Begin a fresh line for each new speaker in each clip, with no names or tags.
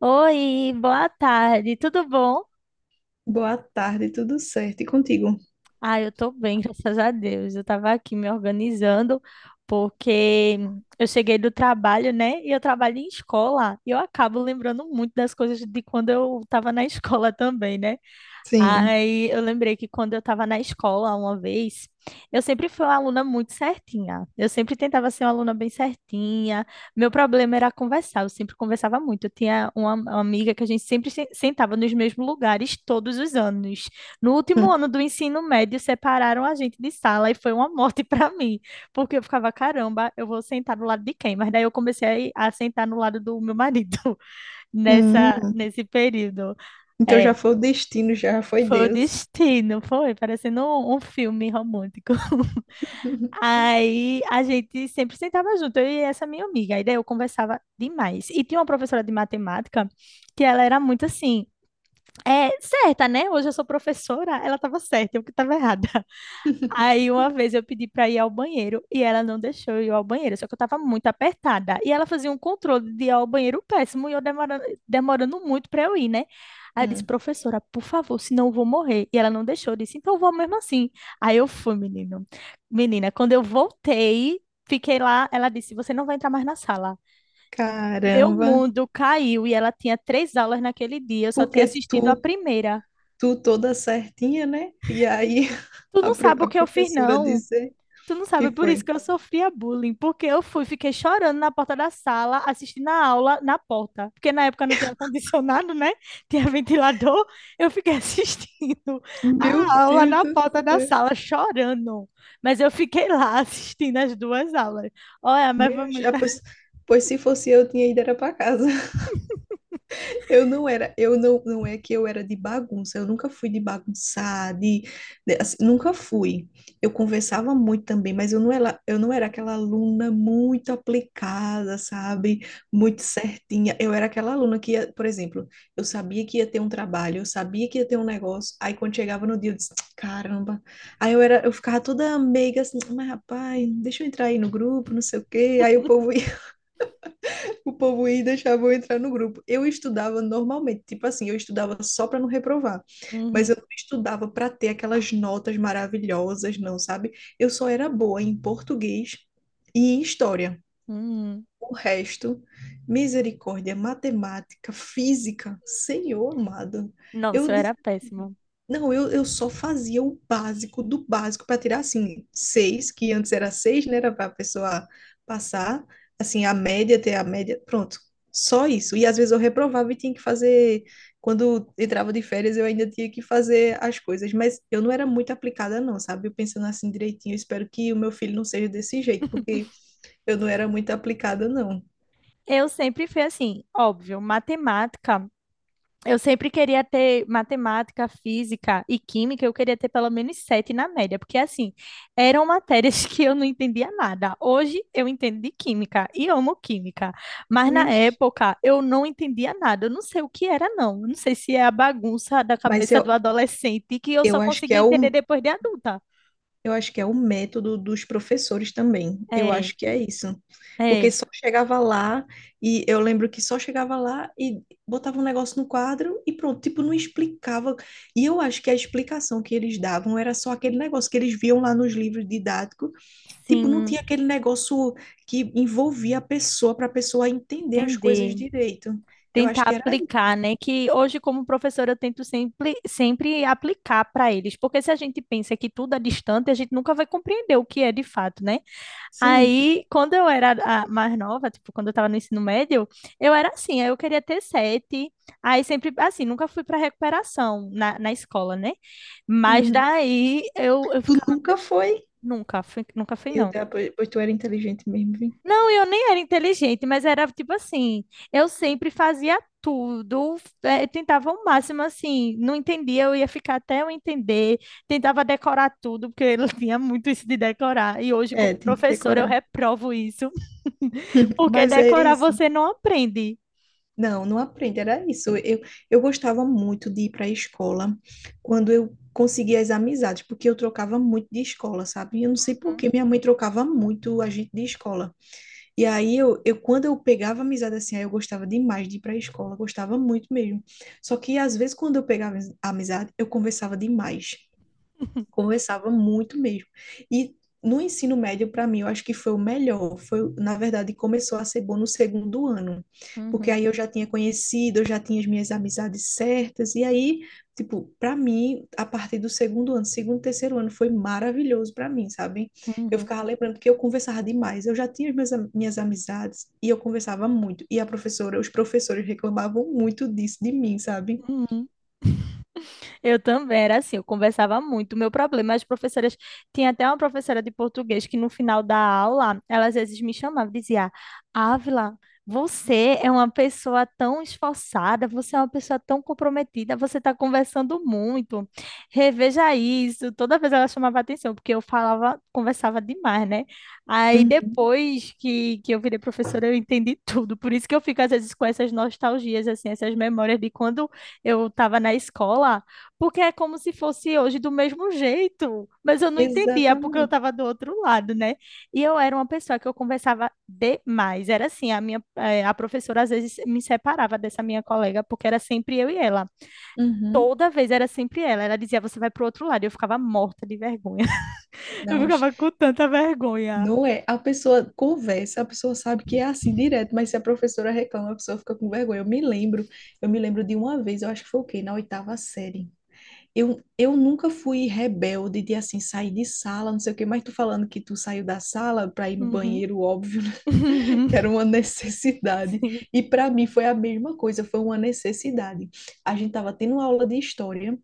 Oi, boa tarde, tudo bom?
Boa tarde, tudo certo? E contigo?
Ah, eu tô bem, graças a Deus. Eu tava aqui me organizando porque eu cheguei do trabalho, né? E eu trabalho em escola e eu acabo lembrando muito das coisas de quando eu tava na escola também, né?
Sim.
Aí eu lembrei que quando eu estava na escola uma vez, eu sempre fui uma aluna muito certinha. Eu sempre tentava ser uma aluna bem certinha. Meu problema era conversar, eu sempre conversava muito. Eu tinha uma amiga que a gente sempre sentava nos mesmos lugares todos os anos. No último
Hum.
ano do ensino médio, separaram a gente de sala e foi uma morte para mim, porque eu ficava, caramba, eu vou sentar do lado de quem? Mas daí eu comecei a sentar no lado do meu marido
Hum.
nesse período.
Então
É,
já foi o destino, já foi
foi o
Deus.
destino, foi, parecendo um filme romântico. Aí a gente sempre sentava junto, eu e essa minha amiga. Aí daí eu conversava demais. E tinha uma professora de matemática que ela era muito assim, é certa, né? Hoje eu sou professora, ela estava certa, eu que estava errada. Aí uma vez eu pedi para ir ao banheiro e ela não deixou eu ir ao banheiro, só que eu tava muito apertada. E ela fazia um controle de ir ao banheiro péssimo e eu demorando, demorando muito para eu ir, né? Aí eu disse,
Hum.
professora, por favor, senão eu vou morrer. E ela não deixou, eu disse, então eu vou mesmo assim. Aí eu fui, menino. Menina, quando eu voltei, fiquei lá, ela disse, você não vai entrar mais na sala. Meu
Caramba,
mundo caiu e ela tinha três aulas naquele dia, eu só tinha
porque
assistido a
tu,
primeira.
tu toda certinha, né? E aí
Tu
a,
não
pro-
sabe
a
o que eu fiz,
professora
não.
dizer
Tu não sabe,
que
é por isso
foi.
que eu sofria bullying, porque eu fui, fiquei chorando na porta da sala, assistindo a aula na porta, porque na época não tinha ar-condicionado, né? Tinha ventilador, eu fiquei assistindo
Meu
a aula
Deus
na
do
porta da
céu.
sala, chorando. Mas eu fiquei lá assistindo as duas aulas. Olha, mas foi
Meu,
muito.
já, pois, pois se fosse eu, tinha ido era pra casa. Eu não era, eu não, Não é que eu era de bagunça, eu nunca fui de bagunçar, assim, nunca fui. Eu conversava muito também, mas eu não era aquela aluna muito aplicada, sabe?
Hum.
Muito certinha. Eu era aquela aluna que ia, por exemplo, eu sabia que ia ter um trabalho, eu sabia que ia ter um negócio, aí quando chegava no dia eu disse, caramba. Eu ficava toda meiga assim, mas rapaz, deixa eu entrar aí no grupo, não sei o quê. Aí o povo ia e deixava eu entrar no grupo. Eu estudava normalmente, tipo assim, eu estudava só para não reprovar. Mas eu
Uhum,
não estudava para ter aquelas notas maravilhosas, não, sabe? Eu só era boa em português e em história.
uhum.
O resto, misericórdia, matemática, física, Senhor amado. Eu
Nossa, eu
disse,
era péssima.
não, eu só fazia o básico do básico para tirar assim, seis, que antes era seis, né? Era para a pessoa passar, assim, a média, ter a média, pronto. Só isso. E às vezes eu reprovava e tinha que fazer. Quando entrava de férias, eu ainda tinha que fazer as coisas, mas eu não era muito aplicada, não, sabe? Eu pensando assim direitinho, eu espero que o meu filho não seja desse jeito, porque eu não era muito aplicada, não.
Eu sempre fui assim, óbvio, matemática. Eu sempre queria ter matemática, física e química, eu queria ter pelo menos sete na média, porque assim, eram matérias que eu não entendia nada. Hoje eu entendo de química e amo química, mas na
Vixe.
época eu não entendia nada. Eu não sei o que era, não. Eu não sei se é a bagunça da
Mas
cabeça do
eu,
adolescente que eu
eu
só
acho que
consegui entender depois de adulta.
eu acho que é o método dos professores também. Eu
É,
acho que é isso. Porque
é,
só chegava lá e eu lembro que só chegava lá e botava um negócio no quadro e pronto, tipo, não explicava. E eu acho que a explicação que eles davam era só aquele negócio que eles viam lá nos livros didáticos, tipo, não
sim,
tinha aquele negócio que envolvia a pessoa para a pessoa entender as coisas
entender.
direito. Eu
Tentar
acho que era isso.
aplicar, né? Que hoje, como professora, eu tento sempre, sempre aplicar para eles, porque se a gente pensa que tudo é distante, a gente nunca vai compreender o que é de fato, né?
Sim.
Aí, quando eu era mais nova, tipo, quando eu estava no ensino médio, eu era assim, aí eu queria ter sete, aí sempre, assim, nunca fui para recuperação na escola, né? Mas
Uhum.
daí eu
Tu
ficava,
nunca foi.
nunca fui,
Meu
não.
Deus, pois tu era inteligente mesmo, viu?
Não, eu nem era inteligente, mas era tipo assim, eu sempre fazia tudo, tentava o máximo assim, não entendia, eu ia ficar até eu entender, tentava decorar tudo, porque eu tinha muito isso de decorar, e hoje como
É, tem que
professora eu
decorar.
reprovo isso, porque
Mas é
decorar
isso.
você não aprende.
Não, não aprende, era isso. Eu gostava muito de ir para a escola quando eu conseguia as amizades, porque eu trocava muito de escola, sabe? Eu não sei por
Uhum.
que minha mãe trocava muito a gente de escola. E aí, eu quando eu pegava amizade assim, aí eu gostava demais de ir para a escola, gostava muito mesmo. Só que às vezes, quando eu pegava amizade, eu conversava demais. Conversava muito mesmo. E no ensino médio, para mim, eu acho que foi o melhor. Foi, na verdade, começou a ser bom no segundo ano, porque
Uhum,
aí eu já tinha conhecido, eu já tinha as minhas amizades certas, e aí, tipo, para mim, a partir do segundo ano, segundo, terceiro ano, foi maravilhoso para mim, sabe? Eu
uhum,
ficava lembrando que eu conversava demais, eu já tinha as minhas amizades e eu conversava muito, e a professora, os professores reclamavam muito disso de mim, sabe?
uhum. Eu também era assim, eu conversava muito. O meu problema, as professoras, tinha até uma professora de português que no final da aula, ela às vezes me chamava e dizia: Ávila, você é uma pessoa tão esforçada, você é uma pessoa tão comprometida, você está conversando muito. Reveja isso. Toda vez ela chamava atenção, porque eu falava, conversava demais, né? Aí
Uhum,
depois que eu virei professora, eu entendi tudo. Por isso que eu fico às vezes com essas nostalgias, assim, essas memórias de quando eu estava na escola. Porque é como se fosse hoje do mesmo jeito. Mas eu não entendia, porque eu
exatamente.
estava do outro lado, né? E eu era uma pessoa que eu conversava demais. Era assim, a professora às vezes me separava dessa minha colega, porque era sempre eu e ela.
Uhum.
Toda vez era sempre ela. Ela dizia, você vai pro outro lado. E eu ficava morta de vergonha. Eu
Não.
ficava com tanta vergonha.
Não é? A pessoa conversa, a pessoa sabe que é assim direto, mas se a professora reclama, a pessoa fica com vergonha. Eu me lembro de uma vez, eu acho que foi o quê? Na oitava série. Eu nunca fui rebelde de assim sair de sala, não sei o quê, mas tu falando que tu saiu da sala para ir no
Uhum.
banheiro, óbvio, né? que
Uhum.
era uma necessidade.
Sim.
E para mim foi a mesma coisa, foi uma necessidade. A gente tava tendo aula de história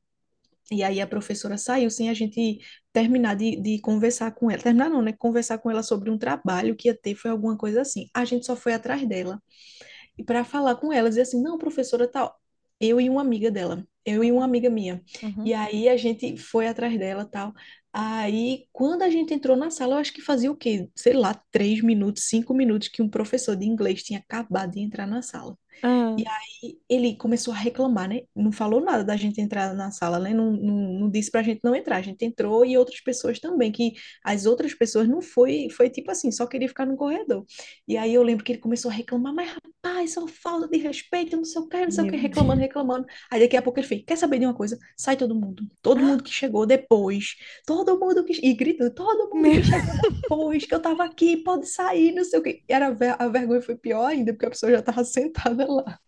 e aí a professora saiu sem a gente terminar de conversar com ela. Terminar não, né? Conversar com ela sobre um trabalho que ia ter, foi alguma coisa assim. A gente só foi atrás dela. E para falar com ela, dizer assim, não, professora, tal, eu e uma amiga dela, eu e uma
Uhum.
amiga minha.
Uhum.
E aí a gente foi atrás dela, tal. Aí, quando a gente entrou na sala, eu acho que fazia o quê? Sei lá, três minutos, cinco minutos que um professor de inglês tinha acabado de entrar na sala. E
Ah,
aí ele começou a reclamar, né? Não falou nada da gente entrar na sala, né? Não, não disse pra gente não entrar. A gente entrou e outras pessoas também, que as outras pessoas não foi, foi tipo assim, só queria ficar no corredor. E aí eu lembro que ele começou a reclamar, mas rapaz, só falta de respeito, não sei o que, não sei o que,
meu
reclamando,
Deus.
reclamando. Aí daqui a pouco ele fez, quer saber de uma coisa? Sai todo mundo. Todo mundo que chegou depois. Todo mundo que... E gritando, todo mundo
Meu.
que chegou depois, que eu tava aqui, pode sair, não sei o que. A vergonha foi pior ainda, porque a pessoa já tava sentada lá.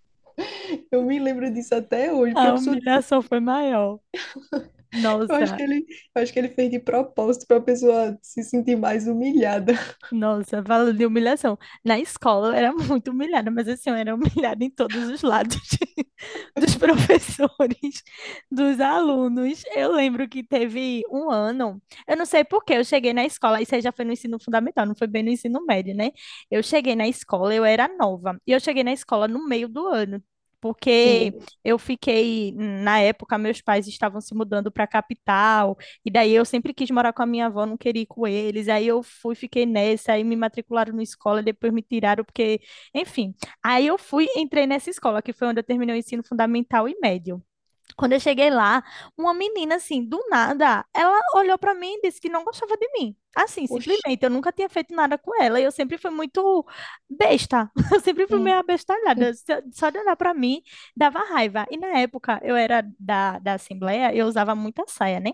Eu me lembro disso até hoje, porque
A
a pessoa,
humilhação foi maior.
eu acho
Nossa.
que ele, eu acho que ele fez de propósito para a pessoa se sentir mais humilhada.
Nossa, falando de humilhação. Na escola eu era muito humilhada, mas assim, eu era humilhada em todos os lados, dos professores, dos alunos. Eu lembro que teve um ano, eu não sei por que eu cheguei na escola, isso aí já foi no ensino fundamental, não foi bem no ensino médio, né? Eu cheguei na escola, eu era nova, e eu cheguei na escola no meio do ano. Porque
Sim.
eu fiquei, na época, meus pais estavam se mudando para a capital, e daí eu sempre quis morar com a minha avó, não queria ir com eles. Aí eu fui, fiquei nessa, aí me matricularam na escola, depois me tiraram, porque, enfim. Aí eu fui, entrei nessa escola, que foi onde eu terminei o ensino fundamental e médio. Quando eu cheguei lá, uma menina, assim, do nada, ela olhou pra mim e disse que não gostava de mim. Assim,
Oxi.
simplesmente, eu nunca tinha feito nada com ela. E eu sempre fui muito besta. Eu sempre fui meio
Hum.
abestalhada. Só de olhar pra mim, dava raiva. E na época, eu era da Assembleia, eu usava muita saia, né?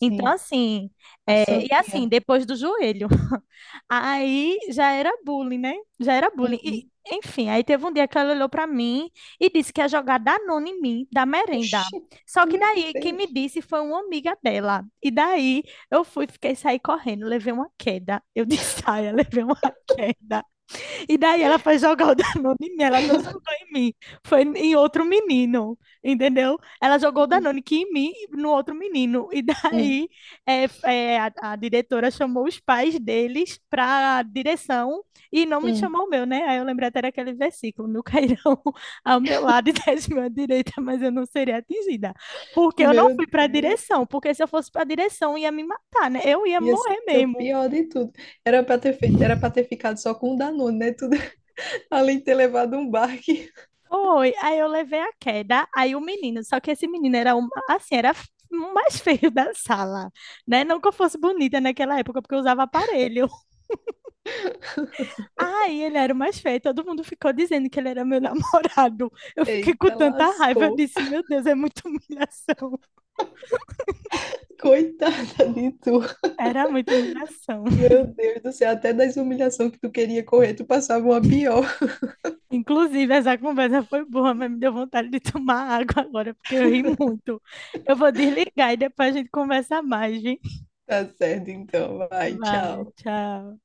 Então, assim,
A
é, e assim,
santinha.
depois do joelho. Aí já era bullying, né? Já era bullying. E,
Uhum.
enfim, aí teve um dia que ela olhou pra mim e disse que ia jogar Danone em mim, da merenda.
Oxi.
Só que
Meu
daí quem me
Deus.
disse foi uma amiga dela. E daí eu fui, fiquei sair correndo, levei uma queda. Eu disse, saia, levei uma queda. E daí ela foi jogar o Danone em mim, ela não jogou em mim, foi em outro menino, entendeu? Ela jogou o
Hum.
Danone que em mim e no outro menino. E
Hum.
daí é, a diretora chamou os pais deles para direção e não me
Hum.
chamou o meu, né? Aí eu lembrei até daquele versículo, meu cairão ao meu lado e 10.000 à direita, mas eu não seria atingida. Porque eu não
Meu
fui para a
Deus.
direção, porque se eu fosse para a direção ia me matar, né? Eu ia
Ia
morrer
ser o
mesmo.
pior de tudo. Era para ter feito, era para ter ficado só com o Danone, né? Tudo, além de ter levado um baque.
Foi, aí eu levei a queda, aí o menino, só que esse menino era um, assim, era f- o mais feio da sala, né? Não que eu fosse bonita naquela época, porque eu usava aparelho. Aí ele era o mais feio, todo mundo ficou dizendo que ele era meu namorado. Eu fiquei com
Eita,
tanta raiva, eu
lascou.
disse, meu Deus, é muita humilhação.
Coitada de tu.
Era muita humilhação.
Meu Deus do céu, até das humilhações que tu queria correr, tu passava uma pior.
Inclusive, essa conversa foi boa, mas me deu vontade de tomar água agora, porque eu ri muito. Eu vou desligar e depois a gente conversa mais, gente.
Tá certo, então. Vai,
Vai,
tchau.
tchau.